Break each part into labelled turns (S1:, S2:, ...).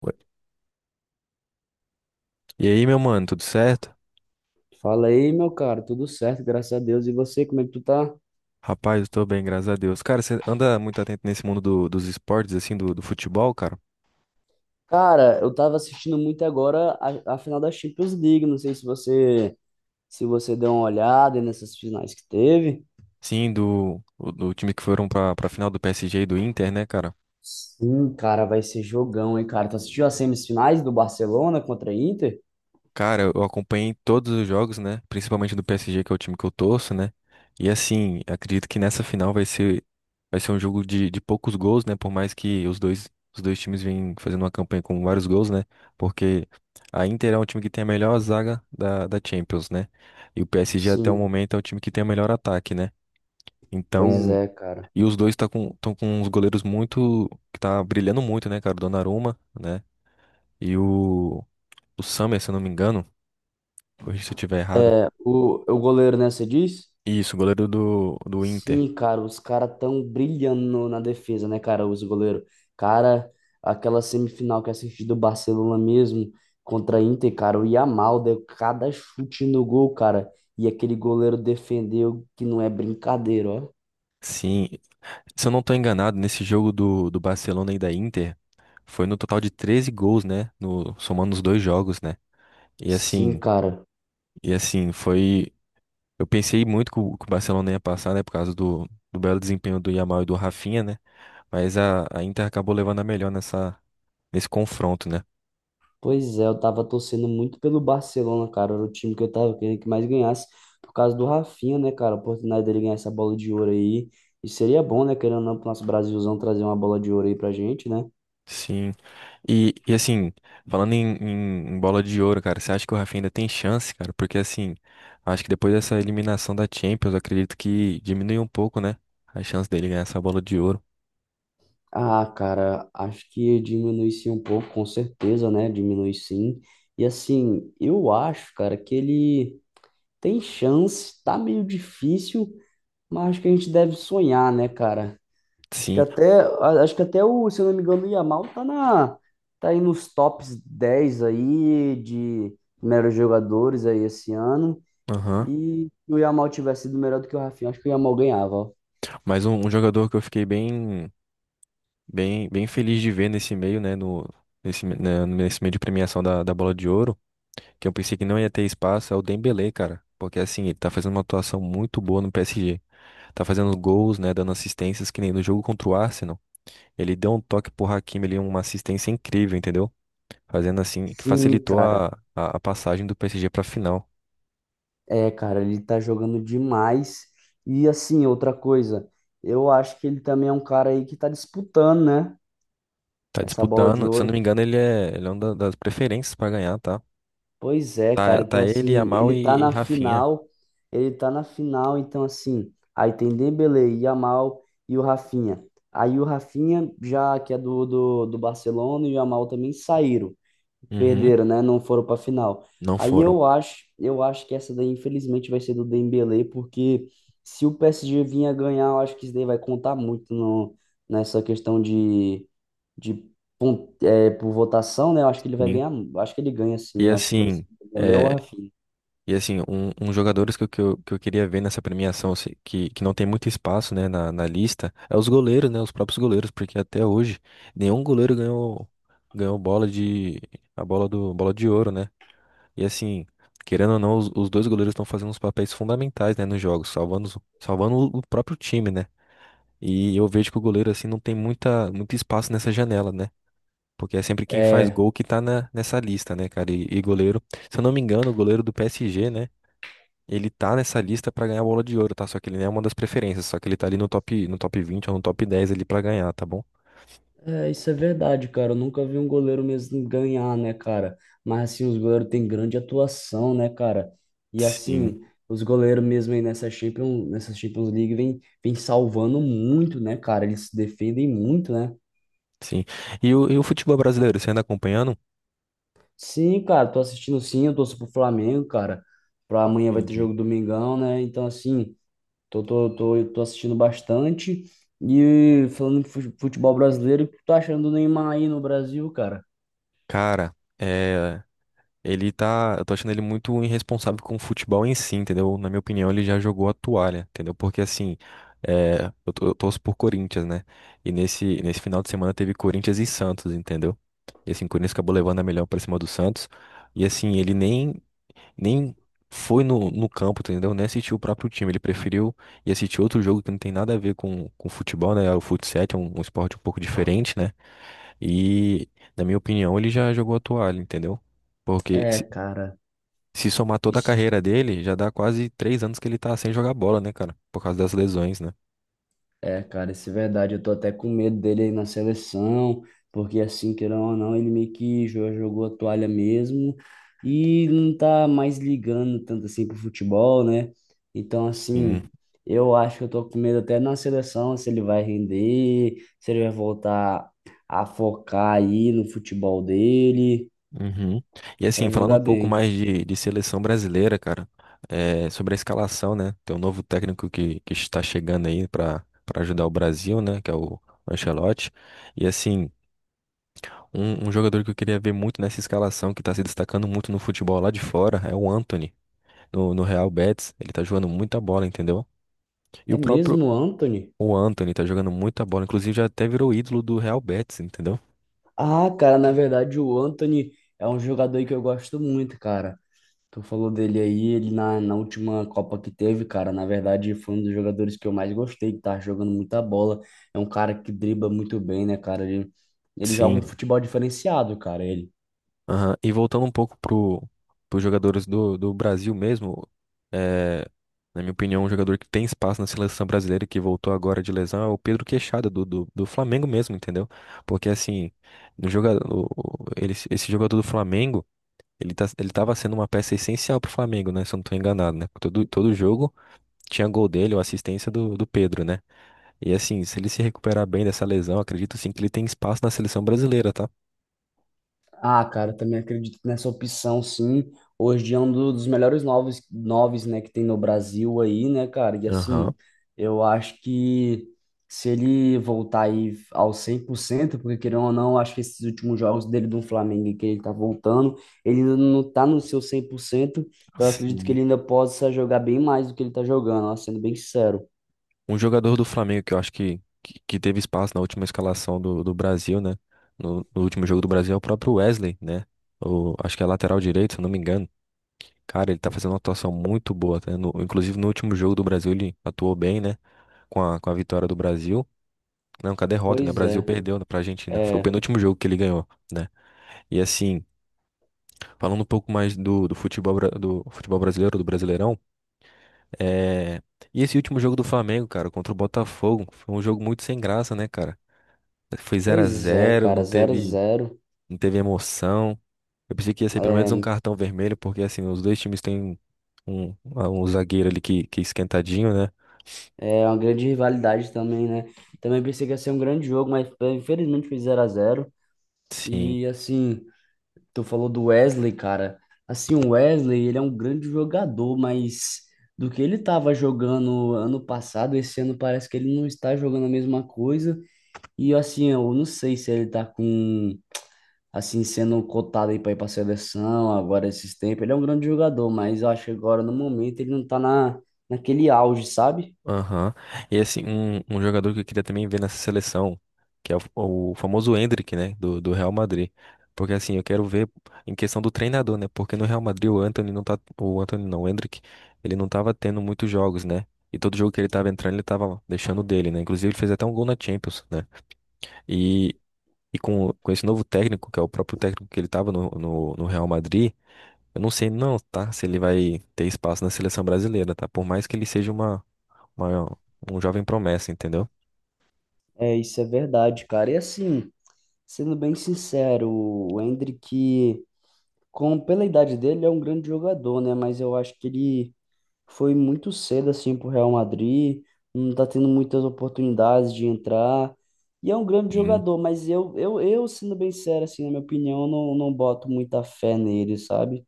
S1: Ué. E aí, meu mano, tudo certo?
S2: Fala aí, meu cara, tudo certo, graças a Deus. E você, como é que tu tá?
S1: Rapaz, eu tô bem, graças a Deus. Cara, você anda muito atento nesse mundo dos esportes, assim, do futebol, cara?
S2: Cara, eu tava assistindo muito agora a final da Champions League. Não sei se você se você deu uma olhada nessas finais que teve.
S1: Sim, do time que foram pra final do PSG e do Inter, né, cara?
S2: Sim, cara, vai ser jogão, hein, cara. Tu assistiu as semifinais do Barcelona contra a Inter?
S1: Cara, eu acompanhei todos os jogos, né? Principalmente do PSG, que é o time que eu torço, né? E assim, acredito que nessa final vai ser um jogo de poucos gols, né? Por mais que os dois times vêm fazendo uma campanha com vários gols, né? Porque a Inter é um time que tem a melhor zaga da Champions, né? E o PSG até o
S2: Sim,
S1: momento é o time que tem o melhor ataque, né?
S2: pois
S1: Então,
S2: é, cara.
S1: e os dois estão com uns goleiros muito, que tá brilhando muito, né, cara? O Donnarumma, né? E o Sommer, se eu não me engano, corrija se eu estiver errado.
S2: É, o goleiro, né, você diz?
S1: Isso, goleiro do Inter.
S2: Sim, cara, os caras tão brilhando na defesa, né, cara? Os goleiros. Cara, aquela semifinal que assisti do Barcelona mesmo contra a Inter, cara, o Yamal deu cada chute no gol, cara. E aquele goleiro defendeu que não é brincadeira, ó.
S1: Sim, se eu não tô enganado, nesse jogo do Barcelona e da Inter, foi no total de 13 gols, né? No, somando os dois jogos, né? E
S2: Sim,
S1: assim,
S2: cara.
S1: e assim, foi. Eu pensei muito que o Barcelona ia passar, né? Por causa do belo desempenho do Yamal e do Rafinha, né? Mas a Inter acabou levando a melhor nesse confronto, né?
S2: Pois é, eu tava torcendo muito pelo Barcelona, cara. Era o time que eu tava querendo que mais ganhasse por causa do Rafinha, né, cara? A oportunidade dele ganhar essa bola de ouro aí. E seria bom, né, querendo ou não, pro nosso Brasilzão trazer uma bola de ouro aí pra gente, né?
S1: Sim. E assim, falando em, em bola de ouro, cara, você acha que o Rafinha ainda tem chance, cara? Porque assim, acho que depois dessa eliminação da Champions, eu acredito que diminuiu um pouco, né? A chance dele ganhar essa bola de ouro.
S2: Ah, cara, acho que diminui sim um pouco, com certeza, né? Diminui sim. E assim, eu acho, cara, que ele tem chance, tá meio difícil, mas acho que a gente deve sonhar, né, cara? Acho que
S1: Sim,
S2: até, acho que até o, se eu não me engano, o Yamal tá aí nos tops 10 aí de melhores jogadores aí esse ano.
S1: aham.
S2: E se o Yamal tivesse sido melhor do que o Rafinha, acho que o Yamal ganhava, ó.
S1: Mas um jogador que eu fiquei bem feliz de ver nesse meio, né? No, nesse, me- né, nesse meio de premiação da bola de ouro, que eu pensei que não ia ter espaço, é o Dembélé, cara. Porque assim, ele tá fazendo uma atuação muito boa no PSG. Tá fazendo gols, né? Dando assistências, que nem no jogo contra o Arsenal. Ele deu um toque pro Hakimi ali, uma assistência incrível, entendeu? Fazendo assim, que
S2: Sim,
S1: facilitou a,
S2: cara.
S1: a, a passagem do PSG pra final.
S2: É, cara, ele tá jogando demais. E assim, outra coisa, eu acho que ele também é um cara aí que tá disputando, né?
S1: Tá
S2: Essa bola de
S1: disputando, se eu não me
S2: ouro.
S1: engano, ele é uma das preferências pra ganhar, tá?
S2: Pois é, cara.
S1: Tá
S2: Então,
S1: ele,
S2: assim,
S1: Yamal
S2: ele tá
S1: e
S2: na
S1: Rafinha.
S2: final. Ele tá na final, então, assim, aí tem Dembélé, Yamal e o Rafinha. Aí o Rafinha, já que é do Barcelona, e o Yamal também saíram.
S1: Uhum,
S2: Perderam, né? Não foram para final.
S1: não foram.
S2: Eu acho que essa daí infelizmente vai ser do Dembélé, porque se o PSG vir a ganhar, eu acho que isso daí vai contar muito no, nessa questão de, de é, por votação, né? Eu acho que ele vai
S1: Sim.
S2: ganhar, eu acho que ele ganha
S1: E
S2: sim, eu acho que vai ser
S1: assim,
S2: o Dembélé ou o
S1: é,
S2: Rafinha.
S1: e assim, um jogadores que, que eu queria ver nessa premiação, assim, que não tem muito espaço, né, na lista, é os goleiros, né, os próprios goleiros, porque até hoje nenhum goleiro ganhou bola de, a bola do, bola de ouro, né? E assim, querendo ou não, os dois goleiros estão fazendo uns papéis fundamentais, né, nos jogos, salvando, salvando o próprio time, né? E eu vejo que o goleiro, assim, não tem muito espaço nessa janela, né? Porque é sempre quem faz
S2: É,
S1: gol que tá nessa lista, né, cara? E goleiro, se eu não me engano, o goleiro do PSG, né? Ele tá nessa lista pra ganhar a bola de ouro, tá? Só que ele não é uma das preferências, só que ele tá ali no top 20 ou no top 10 ali pra ganhar, tá bom?
S2: é, isso é verdade, cara. Eu nunca vi um goleiro mesmo ganhar, né, cara? Mas assim, os goleiros têm grande atuação, né, cara? E
S1: Sim,
S2: assim, os goleiros mesmo aí nessa Champions League vem salvando muito, né, cara? Eles se defendem muito, né?
S1: sim. E o futebol brasileiro, você anda acompanhando?
S2: Sim, cara, tô assistindo sim, eu torço pro Flamengo, cara. Pra amanhã vai ter
S1: Entendi.
S2: jogo Domingão, né? Então, assim, tô assistindo bastante. E falando de futebol brasileiro, o que tu tá achando do Neymar aí no Brasil, cara?
S1: Cara, é. Ele tá. Eu tô achando ele muito irresponsável com o futebol em si, entendeu? Na minha opinião, ele já jogou a toalha, entendeu? Porque assim, eu torço por Corinthians, né? E nesse final de semana teve Corinthians e Santos, entendeu? E assim, o Corinthians acabou levando a melhor pra cima do Santos. E assim, ele nem foi no campo, entendeu? Nem assistiu o próprio time. Ele preferiu ir assistir outro jogo que não tem nada a ver com futebol, né? O futsal é um esporte um pouco diferente, né? E, na minha opinião, ele já jogou a toalha, entendeu? Porque
S2: É,
S1: se
S2: cara.
S1: se somar toda a
S2: Isso.
S1: carreira dele, já dá quase 3 anos que ele tá sem jogar bola, né, cara? Por causa das lesões, né?
S2: É, cara, isso é verdade. Eu tô até com medo dele aí na seleção, porque assim, querendo ou não, ele meio que jogou a toalha mesmo e não tá mais ligando tanto assim pro futebol, né? Então, assim,
S1: Sim.
S2: eu acho que eu tô com medo até na seleção, se ele vai render, se ele vai voltar a focar aí no futebol dele
S1: Uhum. E assim,
S2: pra
S1: falando um
S2: jogar
S1: pouco
S2: bem.
S1: mais de seleção brasileira, cara, sobre a escalação, né? Tem um novo técnico que está chegando aí pra para ajudar o Brasil, né? Que é o Ancelotti. E assim, um jogador que eu queria ver muito nessa escalação, que tá se destacando muito no futebol lá de fora, é o Antony. No Real Betis, ele tá jogando muita bola, entendeu? E o
S2: É
S1: próprio,
S2: mesmo o Anthony?
S1: O Anthony tá jogando muita bola, inclusive já até virou ídolo do Real Betis, entendeu?
S2: Ah, cara, na verdade o Anthony é um jogador que eu gosto muito, cara. Tu falou dele aí, ele na última Copa que teve, cara, na verdade foi um dos jogadores que eu mais gostei, que tá jogando muita bola. É um cara que dribla muito bem, né, cara? Ele joga um
S1: Sim.
S2: futebol diferenciado, cara. Ele.
S1: Aham. E voltando um pouco pros jogadores do Brasil mesmo, é, na minha opinião, um jogador que tem espaço na seleção brasileira e que voltou agora de lesão é o Pedro Queixada, do Flamengo mesmo, entendeu? Porque assim, no jogador, ele, esse jogador do Flamengo, ele tava sendo uma peça essencial pro Flamengo, né? Se eu não tô enganado, né? Todo jogo tinha gol dele ou assistência do Pedro, né? E assim, se ele se recuperar bem dessa lesão, acredito sim que ele tem espaço na seleção brasileira, tá?
S2: Ah, cara, também acredito nessa opção, sim. Hoje é um dos melhores noves, noves, né, que tem no Brasil aí, né, cara? E assim,
S1: Aham.
S2: eu acho que se ele voltar aí ao 100%, porque querendo ou não, acho que esses últimos jogos dele do Flamengo, que ele tá voltando, ele ainda não tá no seu 100%. Eu acredito que
S1: Sim.
S2: ele ainda possa jogar bem mais do que ele tá jogando, ó, sendo bem sincero.
S1: Um jogador do Flamengo que eu acho que teve espaço na última escalação do Brasil, né? No último jogo do Brasil é o próprio Wesley, né? O, acho que é lateral direito, se eu não me engano. Cara, ele tá fazendo uma atuação muito boa, tá? Inclusive no último jogo do Brasil ele atuou bem, né? Com a vitória do Brasil. Não, com a derrota, né? O
S2: Pois
S1: Brasil
S2: é,
S1: perdeu pra Argentina. Foi o
S2: é,
S1: penúltimo jogo que ele ganhou, né? E assim. Falando um pouco mais do futebol, do futebol brasileiro, do Brasileirão, é... e esse último jogo do Flamengo, cara, contra o Botafogo, foi um jogo muito sem graça, né, cara? Foi zero a
S2: pois é,
S1: zero não
S2: cara, zero
S1: teve,
S2: zero.
S1: não teve emoção. Eu pensei que ia ser pelo menos um
S2: É,
S1: cartão vermelho, porque assim, os dois times têm um, um um zagueiro ali que é esquentadinho, né?
S2: é uma grande rivalidade também, né? Também pensei que ia ser um grande jogo, mas infelizmente foi zero a zero.
S1: Sim,
S2: E assim, tu falou do Wesley, cara. Assim, o Wesley, ele é um grande jogador, mas do que ele tava jogando ano passado, esse ano parece que ele não está jogando a mesma coisa. E assim, eu não sei se ele tá com, assim, sendo cotado aí pra ir pra seleção agora esses tempos. Ele é um grande jogador, mas eu acho que agora no momento ele não tá na, naquele auge, sabe?
S1: aham. E assim, um jogador que eu queria também ver nessa seleção, que é o famoso Endrick, né, do Real Madrid. Porque assim, eu quero ver em questão do treinador, né? Porque no Real Madrid o Antony não tá, o Antony não, o Endrick, ele não tava tendo muitos jogos, né? E todo jogo que ele tava entrando, ele tava deixando o dele, né? Inclusive ele fez até um gol na Champions, né? E, e com esse novo técnico, que é o próprio técnico que ele tava no Real Madrid, eu não sei não, tá? Se ele vai ter espaço na seleção brasileira, tá? Por mais que ele seja uma, um jovem promessa, entendeu?
S2: É, isso é verdade, cara. E assim, sendo bem sincero, o Hendrick, com, pela idade dele, é um grande jogador, né? Mas eu acho que ele foi muito cedo, assim, pro Real Madrid, não tá tendo muitas oportunidades de entrar. E é um grande
S1: Sim.
S2: jogador, mas eu sendo bem sincero, assim, na minha opinião, eu não, não boto muita fé nele, sabe?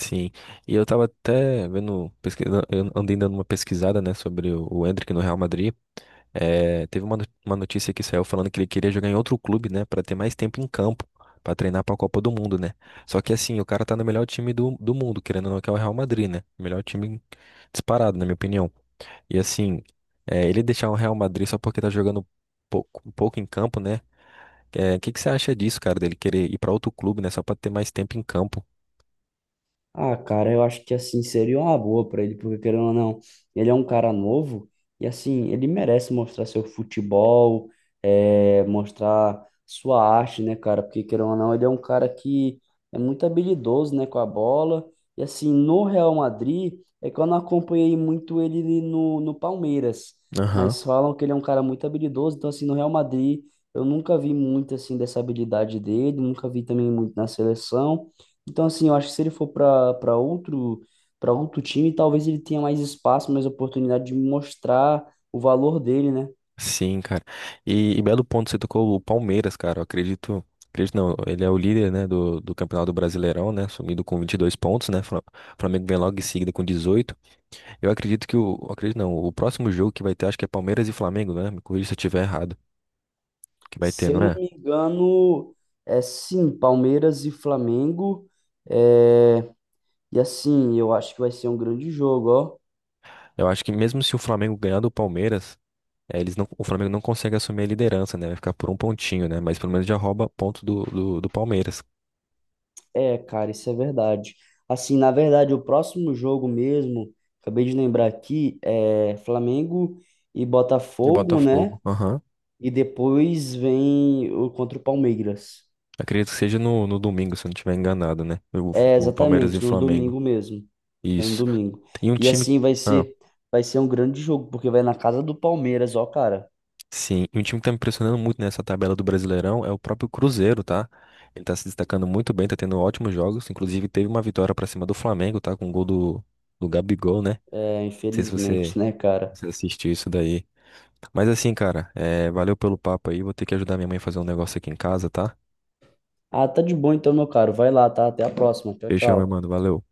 S1: Sim. E eu tava até vendo, pesquisando, eu andei dando uma pesquisada, né, sobre o Endrick no Real Madrid. É, teve uma, no- uma notícia que saiu falando que ele queria jogar em outro clube, né, pra ter mais tempo em campo, pra treinar pra Copa do Mundo, né? Só que assim, o cara tá no melhor time do mundo, querendo ou não, que é o Real Madrid, né? Melhor time disparado, na minha opinião. E assim, ele deixar o Real Madrid só porque tá jogando pouco em campo, né? O que que você acha disso, cara, dele querer ir pra outro clube, né, só pra ter mais tempo em campo?
S2: Ah, cara, eu acho que assim seria uma boa pra ele, porque querendo ou não, ele é um cara novo e assim ele merece mostrar seu futebol, é, mostrar sua arte, né, cara? Porque querendo ou não, ele é um cara que é muito habilidoso, né, com a bola. E assim no Real Madrid é que eu não acompanhei muito ele no Palmeiras,
S1: Aham.
S2: mas falam que ele é um cara muito habilidoso. Então assim no Real Madrid eu nunca vi muito assim dessa habilidade dele, nunca vi também muito na seleção. Então, assim, eu acho que se ele for para outro para outro time, talvez ele tenha mais espaço, mais oportunidade de mostrar o valor dele, né?
S1: Sim, cara. E belo ponto, você tocou o Palmeiras, cara. Eu acredito. Acredito não, ele é o líder, né, do Campeonato Brasileirão, né, sumido com 22 pontos, né, Flamengo vem logo em seguida com 18. Eu acredito que o, acredito não, o próximo jogo que vai ter, acho que é Palmeiras e Flamengo, né, me corrija se eu estiver errado, que vai ter,
S2: Se eu
S1: não
S2: não
S1: é?
S2: me engano, é sim, Palmeiras e Flamengo. É, e assim, eu acho que vai ser um grande jogo, ó.
S1: Eu acho que mesmo se o Flamengo ganhar do Palmeiras, eles não, o Flamengo não consegue assumir a liderança, né, vai ficar por um pontinho, né, mas pelo menos já rouba ponto do Palmeiras.
S2: É, cara, isso é verdade. Assim, na verdade, o próximo jogo mesmo, acabei de lembrar aqui, é Flamengo e
S1: E
S2: Botafogo, né?
S1: Botafogo, aham.
S2: E depois vem o contra o Palmeiras.
S1: Acredito que seja no domingo, se eu não estiver enganado, né? O,
S2: É,
S1: o Palmeiras e o
S2: exatamente, no
S1: Flamengo.
S2: domingo mesmo. É no
S1: Isso.
S2: domingo.
S1: E um
S2: E
S1: time.
S2: assim
S1: Ah,
S2: vai ser um grande jogo, porque vai na casa do Palmeiras, ó, cara.
S1: sim. E um time que tá me impressionando muito nessa tabela do Brasileirão é o próprio Cruzeiro, tá? Ele tá se destacando muito bem, tá tendo ótimos jogos. Inclusive, teve uma vitória pra cima do Flamengo, tá? Com o gol do Gabigol, né? Não
S2: É,
S1: sei se você,
S2: infelizmente, né, cara?
S1: você assistiu isso daí. Mas assim, cara, é, valeu pelo papo aí. Vou ter que ajudar minha mãe a fazer um negócio aqui em casa, tá?
S2: Ah, tá de bom então, meu caro. Vai lá, tá? Até a próxima. Tchau,
S1: Fechou, meu
S2: tchau.
S1: mano. Valeu.